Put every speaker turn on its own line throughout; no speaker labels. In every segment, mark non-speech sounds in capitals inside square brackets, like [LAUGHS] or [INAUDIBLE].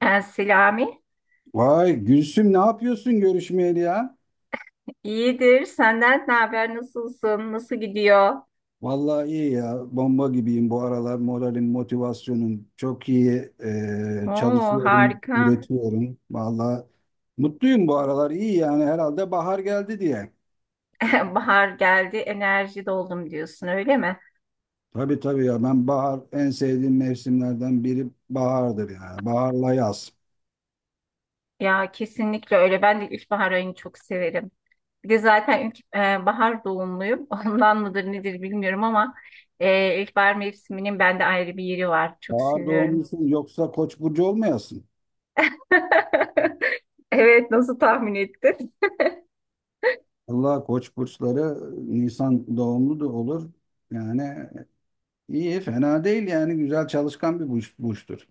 Ben Selami.
Vay Gülsüm ne yapıyorsun görüşmeyeli ya?
İyidir. Senden ne haber? Nasılsın? Nasıl gidiyor?
Vallahi iyi ya. Bomba gibiyim bu aralar. Moralim, motivasyonum çok iyi.
Oo,
Çalışıyorum,
harika.
üretiyorum. Vallahi mutluyum bu aralar. İyi yani herhalde bahar geldi diye.
[LAUGHS] Bahar geldi. Enerji doldum diyorsun, öyle mi?
Tabii tabii ya, ben bahar, en sevdiğim mevsimlerden biri bahardır yani. Baharla yaz.
Ya kesinlikle öyle. Ben de ilkbahar ayını çok severim. Bir de zaten bahar doğumluyum. [LAUGHS] Ondan mıdır nedir bilmiyorum ama ilkbahar mevsiminin bende ayrı bir yeri var. Çok
Bahar
seviyorum.
doğumlusun yoksa Koç burcu olmayasın.
[LAUGHS] Evet, nasıl tahmin ettin? [LAUGHS]
Allah, Koç burçları Nisan doğumlu da olur. Yani, İyi, fena değil yani güzel çalışkan bir burç, burçtur.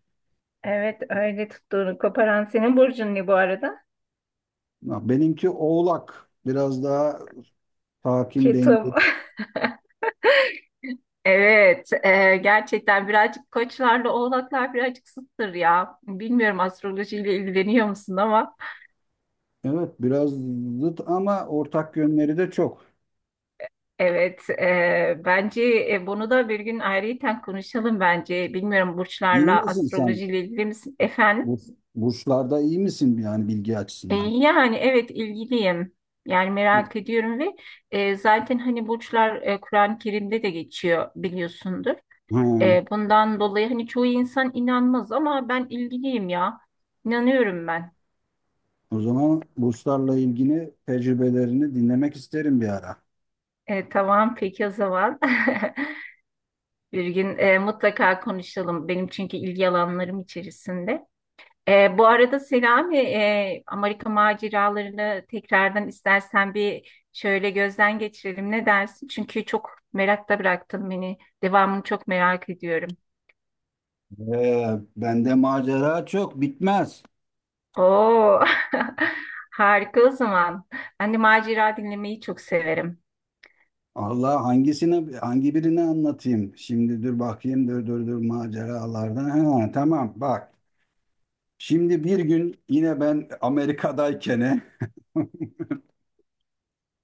Evet, öyle tuttuğunu koparan senin burcun ne bu arada?
Ha, benimki Oğlak. Biraz daha sakin,
Ketum.
dengeli.
[LAUGHS] Evet, gerçekten birazcık koçlarla oğlaklar birazcık zıttır ya. Bilmiyorum astrolojiyle ilgileniyor musun ama
Evet, biraz zıt ama ortak yönleri de çok.
evet, bence bunu da bir gün ayrıyeten konuşalım bence. Bilmiyorum
İyi
burçlarla
misin sen?
astrolojiyle ilgili misin efendim?
Bur Burçlarda iyi misin yani bilgi açısından?
Yani evet ilgiliyim. Yani merak ediyorum ve zaten hani burçlar Kur'an-ı Kerim'de de geçiyor biliyorsundur.
Ha,
Bundan dolayı hani çoğu insan inanmaz ama ben ilgiliyim ya. İnanıyorum ben.
o zaman burçlarla ilgili tecrübelerini dinlemek isterim bir ara.
Tamam peki o zaman. [LAUGHS] Bir gün mutlaka konuşalım. Benim çünkü ilgi alanlarım içerisinde. Bu arada Selami, Amerika maceralarını tekrardan istersen bir şöyle gözden geçirelim. Ne dersin? Çünkü çok merakta bıraktın beni. Devamını çok merak ediyorum.
Bende macera çok bitmez.
Oo, [LAUGHS] harika o zaman. Ben de macera dinlemeyi çok severim.
Allah, hangisini hangi birini anlatayım? Şimdi dur bakayım, dur dur dur maceralardan. Ha, tamam bak. Şimdi bir gün yine ben Amerika'dayken,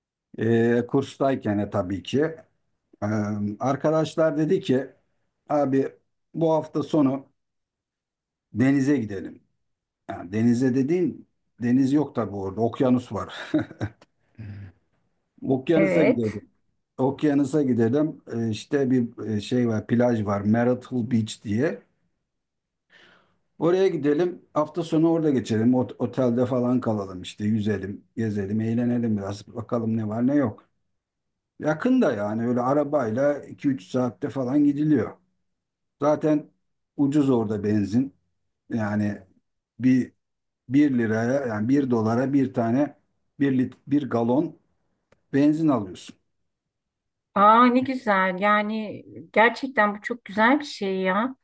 [LAUGHS] kurstayken tabii ki, e, arkadaşlar dedi ki, abi bu hafta sonu denize gidelim. Yani denize dediğin, deniz yok tabii, orada okyanus var. [LAUGHS] Okyanusa
Evet.
gidelim. Okyanusa gidelim. İşte bir şey var, plaj var Marital Beach diye. Oraya gidelim. Hafta sonu orada geçelim. Otelde falan kalalım işte. Yüzelim, gezelim, eğlenelim biraz. Bakalım ne var ne yok. Yakın da yani, öyle arabayla 2-3 saatte falan gidiliyor. Zaten ucuz orada benzin. Yani bir bir liraya yani bir dolara bir tane bir galon benzin alıyorsun.
Aa ne güzel. Yani gerçekten bu çok güzel bir şey ya.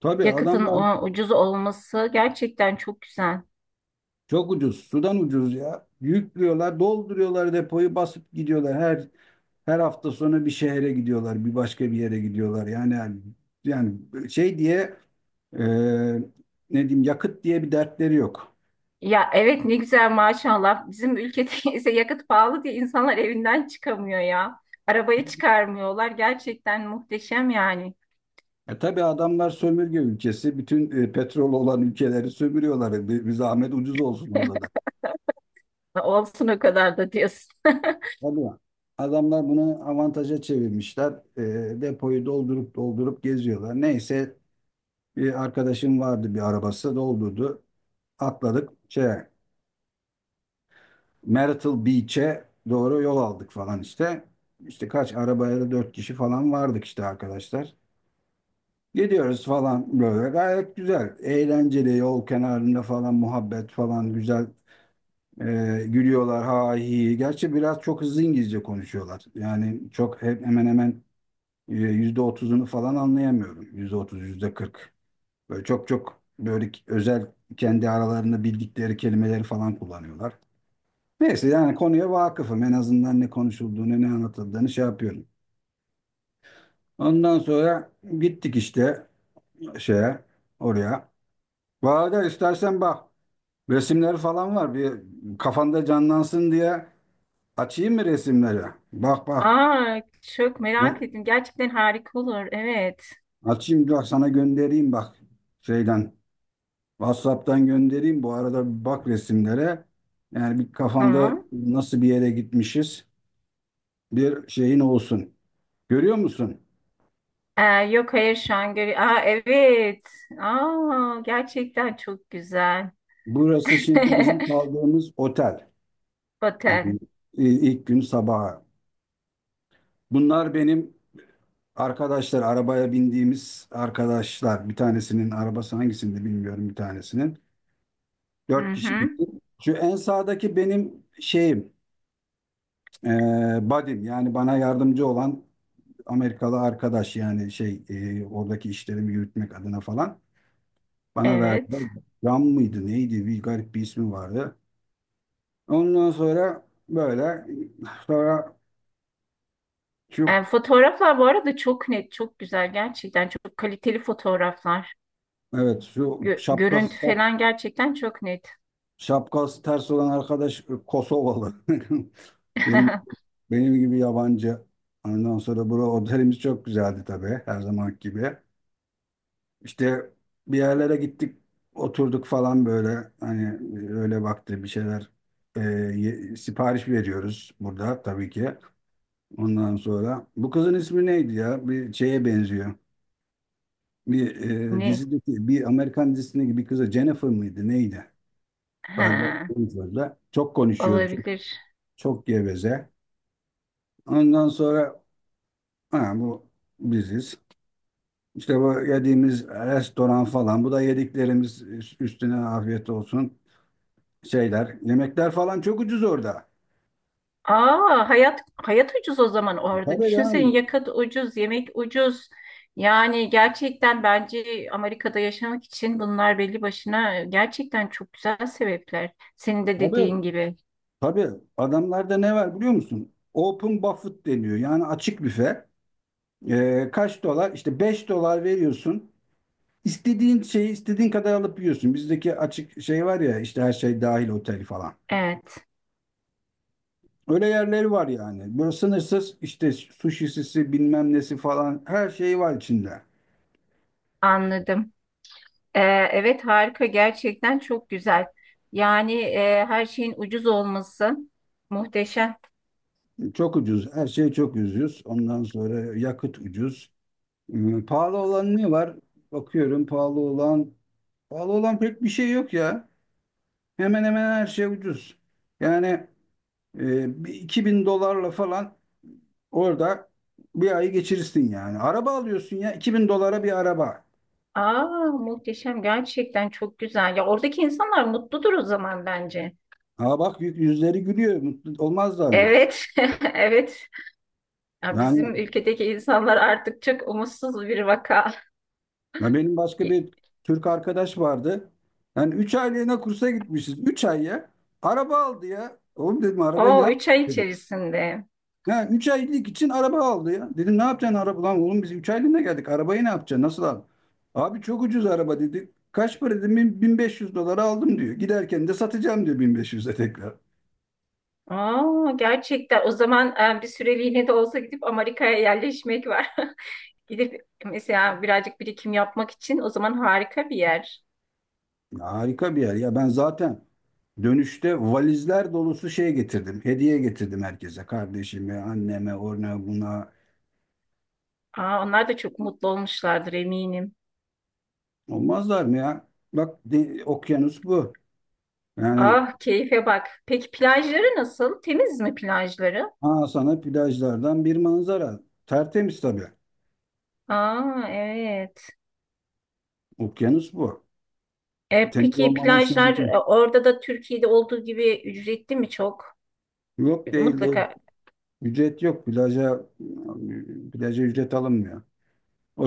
Tabii
Yakıtın
adamlar
o, ucuz olması gerçekten çok güzel.
çok ucuz. Sudan ucuz ya. Yüklüyorlar, dolduruyorlar depoyu, basıp gidiyorlar. Her hafta sonu bir şehre gidiyorlar, bir başka bir yere gidiyorlar. Yani şey diye, e, ne diyeyim, yakıt diye bir dertleri yok.
Ya evet ne güzel maşallah. Bizim ülkede [LAUGHS] ise yakıt pahalı diye insanlar evinden çıkamıyor ya. Arabayı çıkarmıyorlar. Gerçekten muhteşem yani.
Tabii adamlar sömürge ülkesi. Bütün petrol olan ülkeleri sömürüyorlar. Bir zahmet ucuz olsun orada da.
Olsun o kadar da diyorsun.
Tabii. Adamlar bunu avantaja çevirmişler. Depoyu doldurup doldurup geziyorlar. Neyse, bir arkadaşım vardı, bir arabası doldurdu. Atladık, Myrtle Beach'e doğru yol aldık falan işte. İşte kaç arabayla dört kişi falan vardık işte, arkadaşlar. Gidiyoruz falan böyle gayet güzel. Eğlenceli yol kenarında falan, muhabbet falan güzel. Gülüyorlar ha hi. Gerçi biraz çok hızlı İngilizce konuşuyorlar. Yani çok hep, hemen hemen %30'unu falan anlayamıyorum. %30, %40. Böyle çok çok, böyle özel, kendi aralarında bildikleri kelimeleri falan kullanıyorlar. Neyse, yani konuya vakıfım. En azından ne konuşulduğunu, ne anlatıldığını şey yapıyorum. Ondan sonra gittik işte şeye, oraya. Valla istersen bak, resimleri falan var. Bir kafanda canlansın diye açayım mı resimleri? Bak bak.
Aa, çok merak
Ben
ettim. Gerçekten harika olur. Evet.
açayım, bak sana göndereyim, bak şeyden. WhatsApp'tan göndereyim. Bu arada bir bak resimlere. Yani bir kafanda
Tamam.
nasıl bir yere gitmişiz, bir şeyin olsun. Görüyor musun?
Yok hayır şu an görüyorum. Aa evet. Aa gerçekten çok güzel.
Burası
[LAUGHS]
şimdi bizim kaldığımız otel. Yani
Otel.
ilk gün sabaha. Bunlar benim arkadaşlar, arabaya bindiğimiz arkadaşlar. Bir tanesinin arabası, hangisinde bilmiyorum, bir tanesinin.
Hı
Dört kişi
hı.
gittik. Şu en sağdaki benim şeyim, e, buddy'm. Yani bana yardımcı olan Amerikalı arkadaş. Yani şey, oradaki işlerimi yürütmek adına falan. Bana verdiler.
Evet.
Ram mıydı, neydi? Bir garip bir ismi vardı. Ondan sonra böyle, sonra. Şu
Fotoğraflar bu arada çok net, çok güzel. Gerçekten çok kaliteli fotoğraflar.
Evet, şu
Gö-
şapkası
görüntü
şap-
falan gerçekten çok net.
şapkası ters olan arkadaş Kosovalı. [LAUGHS] Benim
[LAUGHS]
benim gibi yabancı. Ondan sonra bura otelimiz çok güzeldi tabii, her zaman gibi. İşte bir yerlere gittik, oturduk falan böyle. Hani öyle vakti, bir şeyler e, sipariş veriyoruz burada tabii ki. Ondan sonra bu kızın ismi neydi ya? Bir şeye benziyor. Bir e,
Ne?
dizideki bir Amerikan dizisindeki bir kıza, Jennifer mıydı neydi? Galiba
Ha,
en fazla. Çok konuşuyoruz. Çok,
olabilir.
çok geveze. Ondan sonra, ha, bu biziz. İşte bu yediğimiz restoran falan. Bu da yediklerimiz, üstüne afiyet olsun şeyler. Yemekler falan çok ucuz orada.
Aa, hayat hayat ucuz o zaman orada.
Tabii
Düşünsene
canım.
yakıt ucuz, yemek ucuz. Yani gerçekten bence Amerika'da yaşamak için bunlar belli başına gerçekten çok güzel sebepler. Senin de
Tabii.
dediğin gibi.
Tabii. Adamlarda ne var biliyor musun? Open buffet deniyor. Yani açık büfe. Kaç dolar? İşte 5 dolar veriyorsun. İstediğin şeyi istediğin kadar alıp yiyorsun. Bizdeki açık şey var ya işte, her şey dahil otel falan.
Evet,
Öyle yerleri var yani. Böyle sınırsız, işte suşisisi bilmem nesi falan, her şey var içinde.
anladım. Ee, evet harika gerçekten çok güzel. Yani her şeyin ucuz olması muhteşem.
Çok ucuz. Her şey çok ucuz. Ondan sonra yakıt ucuz. Pahalı olan ne var? Bakıyorum pahalı olan. Pahalı olan pek bir şey yok ya. Hemen hemen her şey ucuz. Yani bir 2000 dolarla falan orada bir ayı geçirirsin yani. Araba alıyorsun ya, 2000 dolara bir araba.
Aa, muhteşem gerçekten çok güzel. Ya oradaki insanlar mutludur o zaman bence.
Ha bak, yüzleri gülüyor. Mutlu olmazlar mı?
Evet, [LAUGHS] evet. Ya
Yani,
bizim ülkedeki insanlar artık çok umutsuz bir vaka.
ya benim başka bir Türk arkadaş vardı. Yani 3 aylığına kursa gitmişiz. 3 ay ya. Araba aldı ya. Oğlum, dedim, arabayı ne
O 3
yapacaksın
ay
dedim.
içerisinde.
Ha, 3 aylık için araba aldı ya. Dedim, ne yapacaksın araba lan oğlum, biz 3 aylığına geldik. Arabayı ne yapacaksın? Nasıl al? Abi çok ucuz araba dedi. Kaç para dedim? 1500 dolara aldım diyor. Giderken de satacağım diyor, 1500'e tekrar.
Aa, gerçekten o zaman bir süreliğine de olsa gidip Amerika'ya yerleşmek var. [LAUGHS] Gidip mesela birazcık birikim yapmak için o zaman harika bir yer.
Harika bir yer ya. Ben zaten dönüşte valizler dolusu şey getirdim. Hediye getirdim herkese. Kardeşime, anneme, ona, buna.
Aa, onlar da çok mutlu olmuşlardır eminim.
Olmazlar mı ya? Bak, okyanus bu. Yani
Ah keyfe bak. Peki plajları nasıl? Temiz mi plajları?
ha, sana plajlardan bir manzara. Tertemiz tabii.
Aa evet.
Okyanus bu. Temiz
Peki
olmaması
plajlar
mümkün.
orada da Türkiye'de olduğu gibi ücretli mi çok?
Yok, değil, değil.
Mutlaka
Ücret yok. Plaja ücret alınmıyor.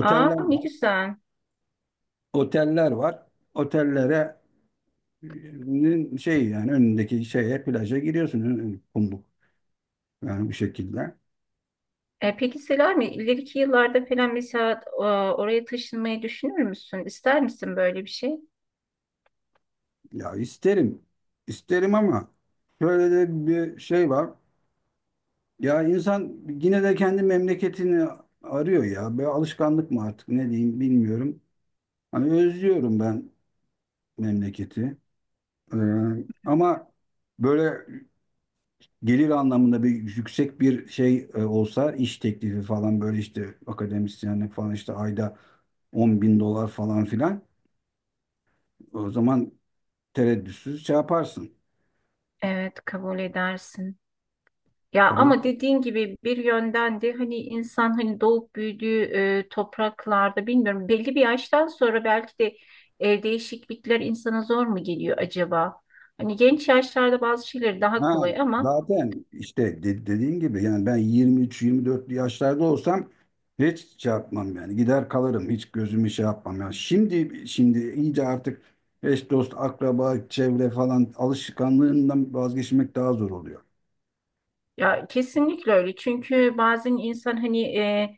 Aa ne
var.
güzel.
Oteller var. Otellere şey, yani önündeki şeye, plaja giriyorsun. Kumluk. Yani bu şekilde.
Peki Selami ileriki yıllarda falan mesela oraya taşınmayı düşünür müsün? İster misin böyle bir şey?
Ya isterim. İsterim ama şöyle de bir şey var. Ya insan yine de kendi memleketini arıyor ya. Böyle alışkanlık mı artık, ne diyeyim bilmiyorum. Hani özlüyorum ben memleketi. Ee, Ama böyle gelir anlamında, bir yüksek bir şey olsa, iş teklifi falan, böyle işte akademisyenlik falan, işte ayda 10.000 dolar falan filan, o zaman tereddütsüz şey yaparsın.
Evet kabul edersin. Ya
Kabul
ama dediğin gibi bir yönden de hani insan hani doğup büyüdüğü topraklarda bilmiyorum belli bir yaştan sonra belki de değişiklikler insana zor mu geliyor acaba? Hani genç yaşlarda bazı şeyler daha
Ha,
kolay ama
zaten işte dediğin gibi yani ben 23-24'lü yaşlarda olsam, hiç şey yapmam yani, gider kalırım, hiç gözümü şey yapmam yani, şimdi şimdi iyice artık, eş dost akraba çevre falan alışkanlığından vazgeçmek daha zor oluyor.
Ya kesinlikle öyle. Çünkü bazen insan hani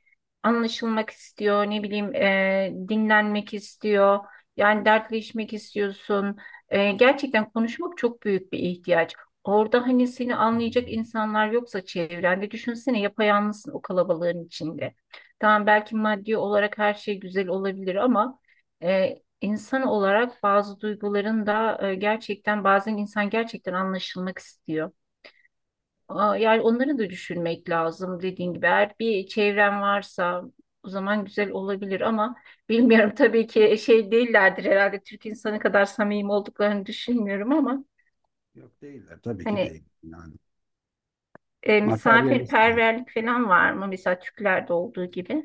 anlaşılmak istiyor, ne bileyim dinlenmek istiyor. Yani dertleşmek istiyorsun. Gerçekten konuşmak çok büyük bir ihtiyaç. Orada hani seni anlayacak insanlar yoksa çevrende düşünsene yapayalnızsın o kalabalığın içinde. Tamam belki maddi olarak her şey güzel olabilir ama insan olarak bazı duyguların da gerçekten bazen insan gerçekten anlaşılmak istiyor. Aa, yani onları da düşünmek lazım dediğin gibi. Eğer bir çevren varsa o zaman güzel olabilir ama bilmiyorum [LAUGHS] tabii ki şey değillerdir herhalde Türk insanı kadar samimi olduklarını düşünmüyorum ama
Yok, değiller tabii ki,
hani
değil yani, materyalistler.
misafirperverlik falan var mı? Mesela Türklerde olduğu gibi.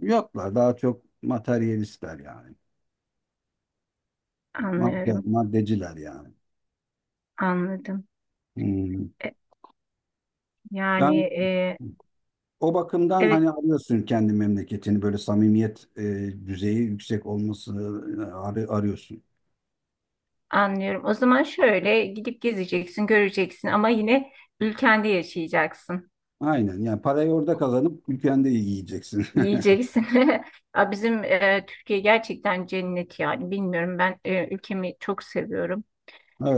Yoklar, daha çok materyalistler yani,
Anlıyorum,
maddeciler yani.
anladım.
Hmm.
E, yani
Yani,
e,
o bakımdan
evet
hani arıyorsun kendi memleketini, böyle samimiyet düzeyi yüksek olması, e, arıyorsun.
anlıyorum. O zaman şöyle gidip gezeceksin, göreceksin ama yine ülkende yaşayacaksın.
Aynen yani, parayı orada kazanıp ülkende yiyeceksin. [LAUGHS]
Yiyeceksin. [LAUGHS] Ya bizim Türkiye gerçekten cennet yani. Bilmiyorum ben ülkemi çok seviyorum.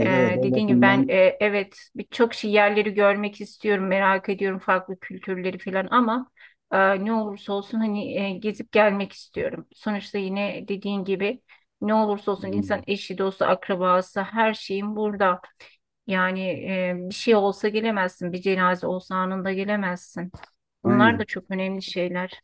E,
evet, o
Dediğim gibi ben
bakımdan,
evet birçok şey yerleri görmek istiyorum, merak ediyorum farklı kültürleri falan ama ne olursa olsun hani gezip gelmek istiyorum. Sonuçta yine dediğin gibi ne olursa olsun
e,
insan eşi, dostu, akrabası her şeyin burada. Yani bir şey olsa gelemezsin, bir cenaze olsa anında gelemezsin. Bunlar da
aynen
çok önemli şeyler.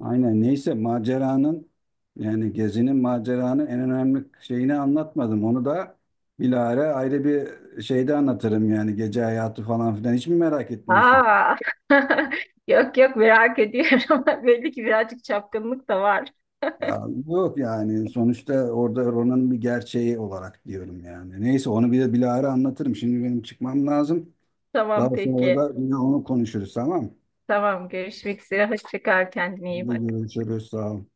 aynen, neyse maceranın, yani gezinin maceranın en önemli şeyini anlatmadım. Onu da bilahare, ayrı bir şeyde anlatırım yani, gece hayatı falan filan hiç mi merak etmiyorsun?
Aa, [LAUGHS] yok yok merak ediyorum. [LAUGHS] Belli ki birazcık çapkınlık da var.
Ya yok yani, sonuçta orada Ronan'ın bir gerçeği olarak diyorum yani. Neyse, onu bir de bilahare anlatırım. Şimdi benim çıkmam lazım.
Tamam
Daha sonra
peki.
da yine onu konuşuruz, tamam mı?
Tamam görüşmek üzere. Hoşça kal kendine iyi
Hadi
bak.
görüşürüz, sağ ol.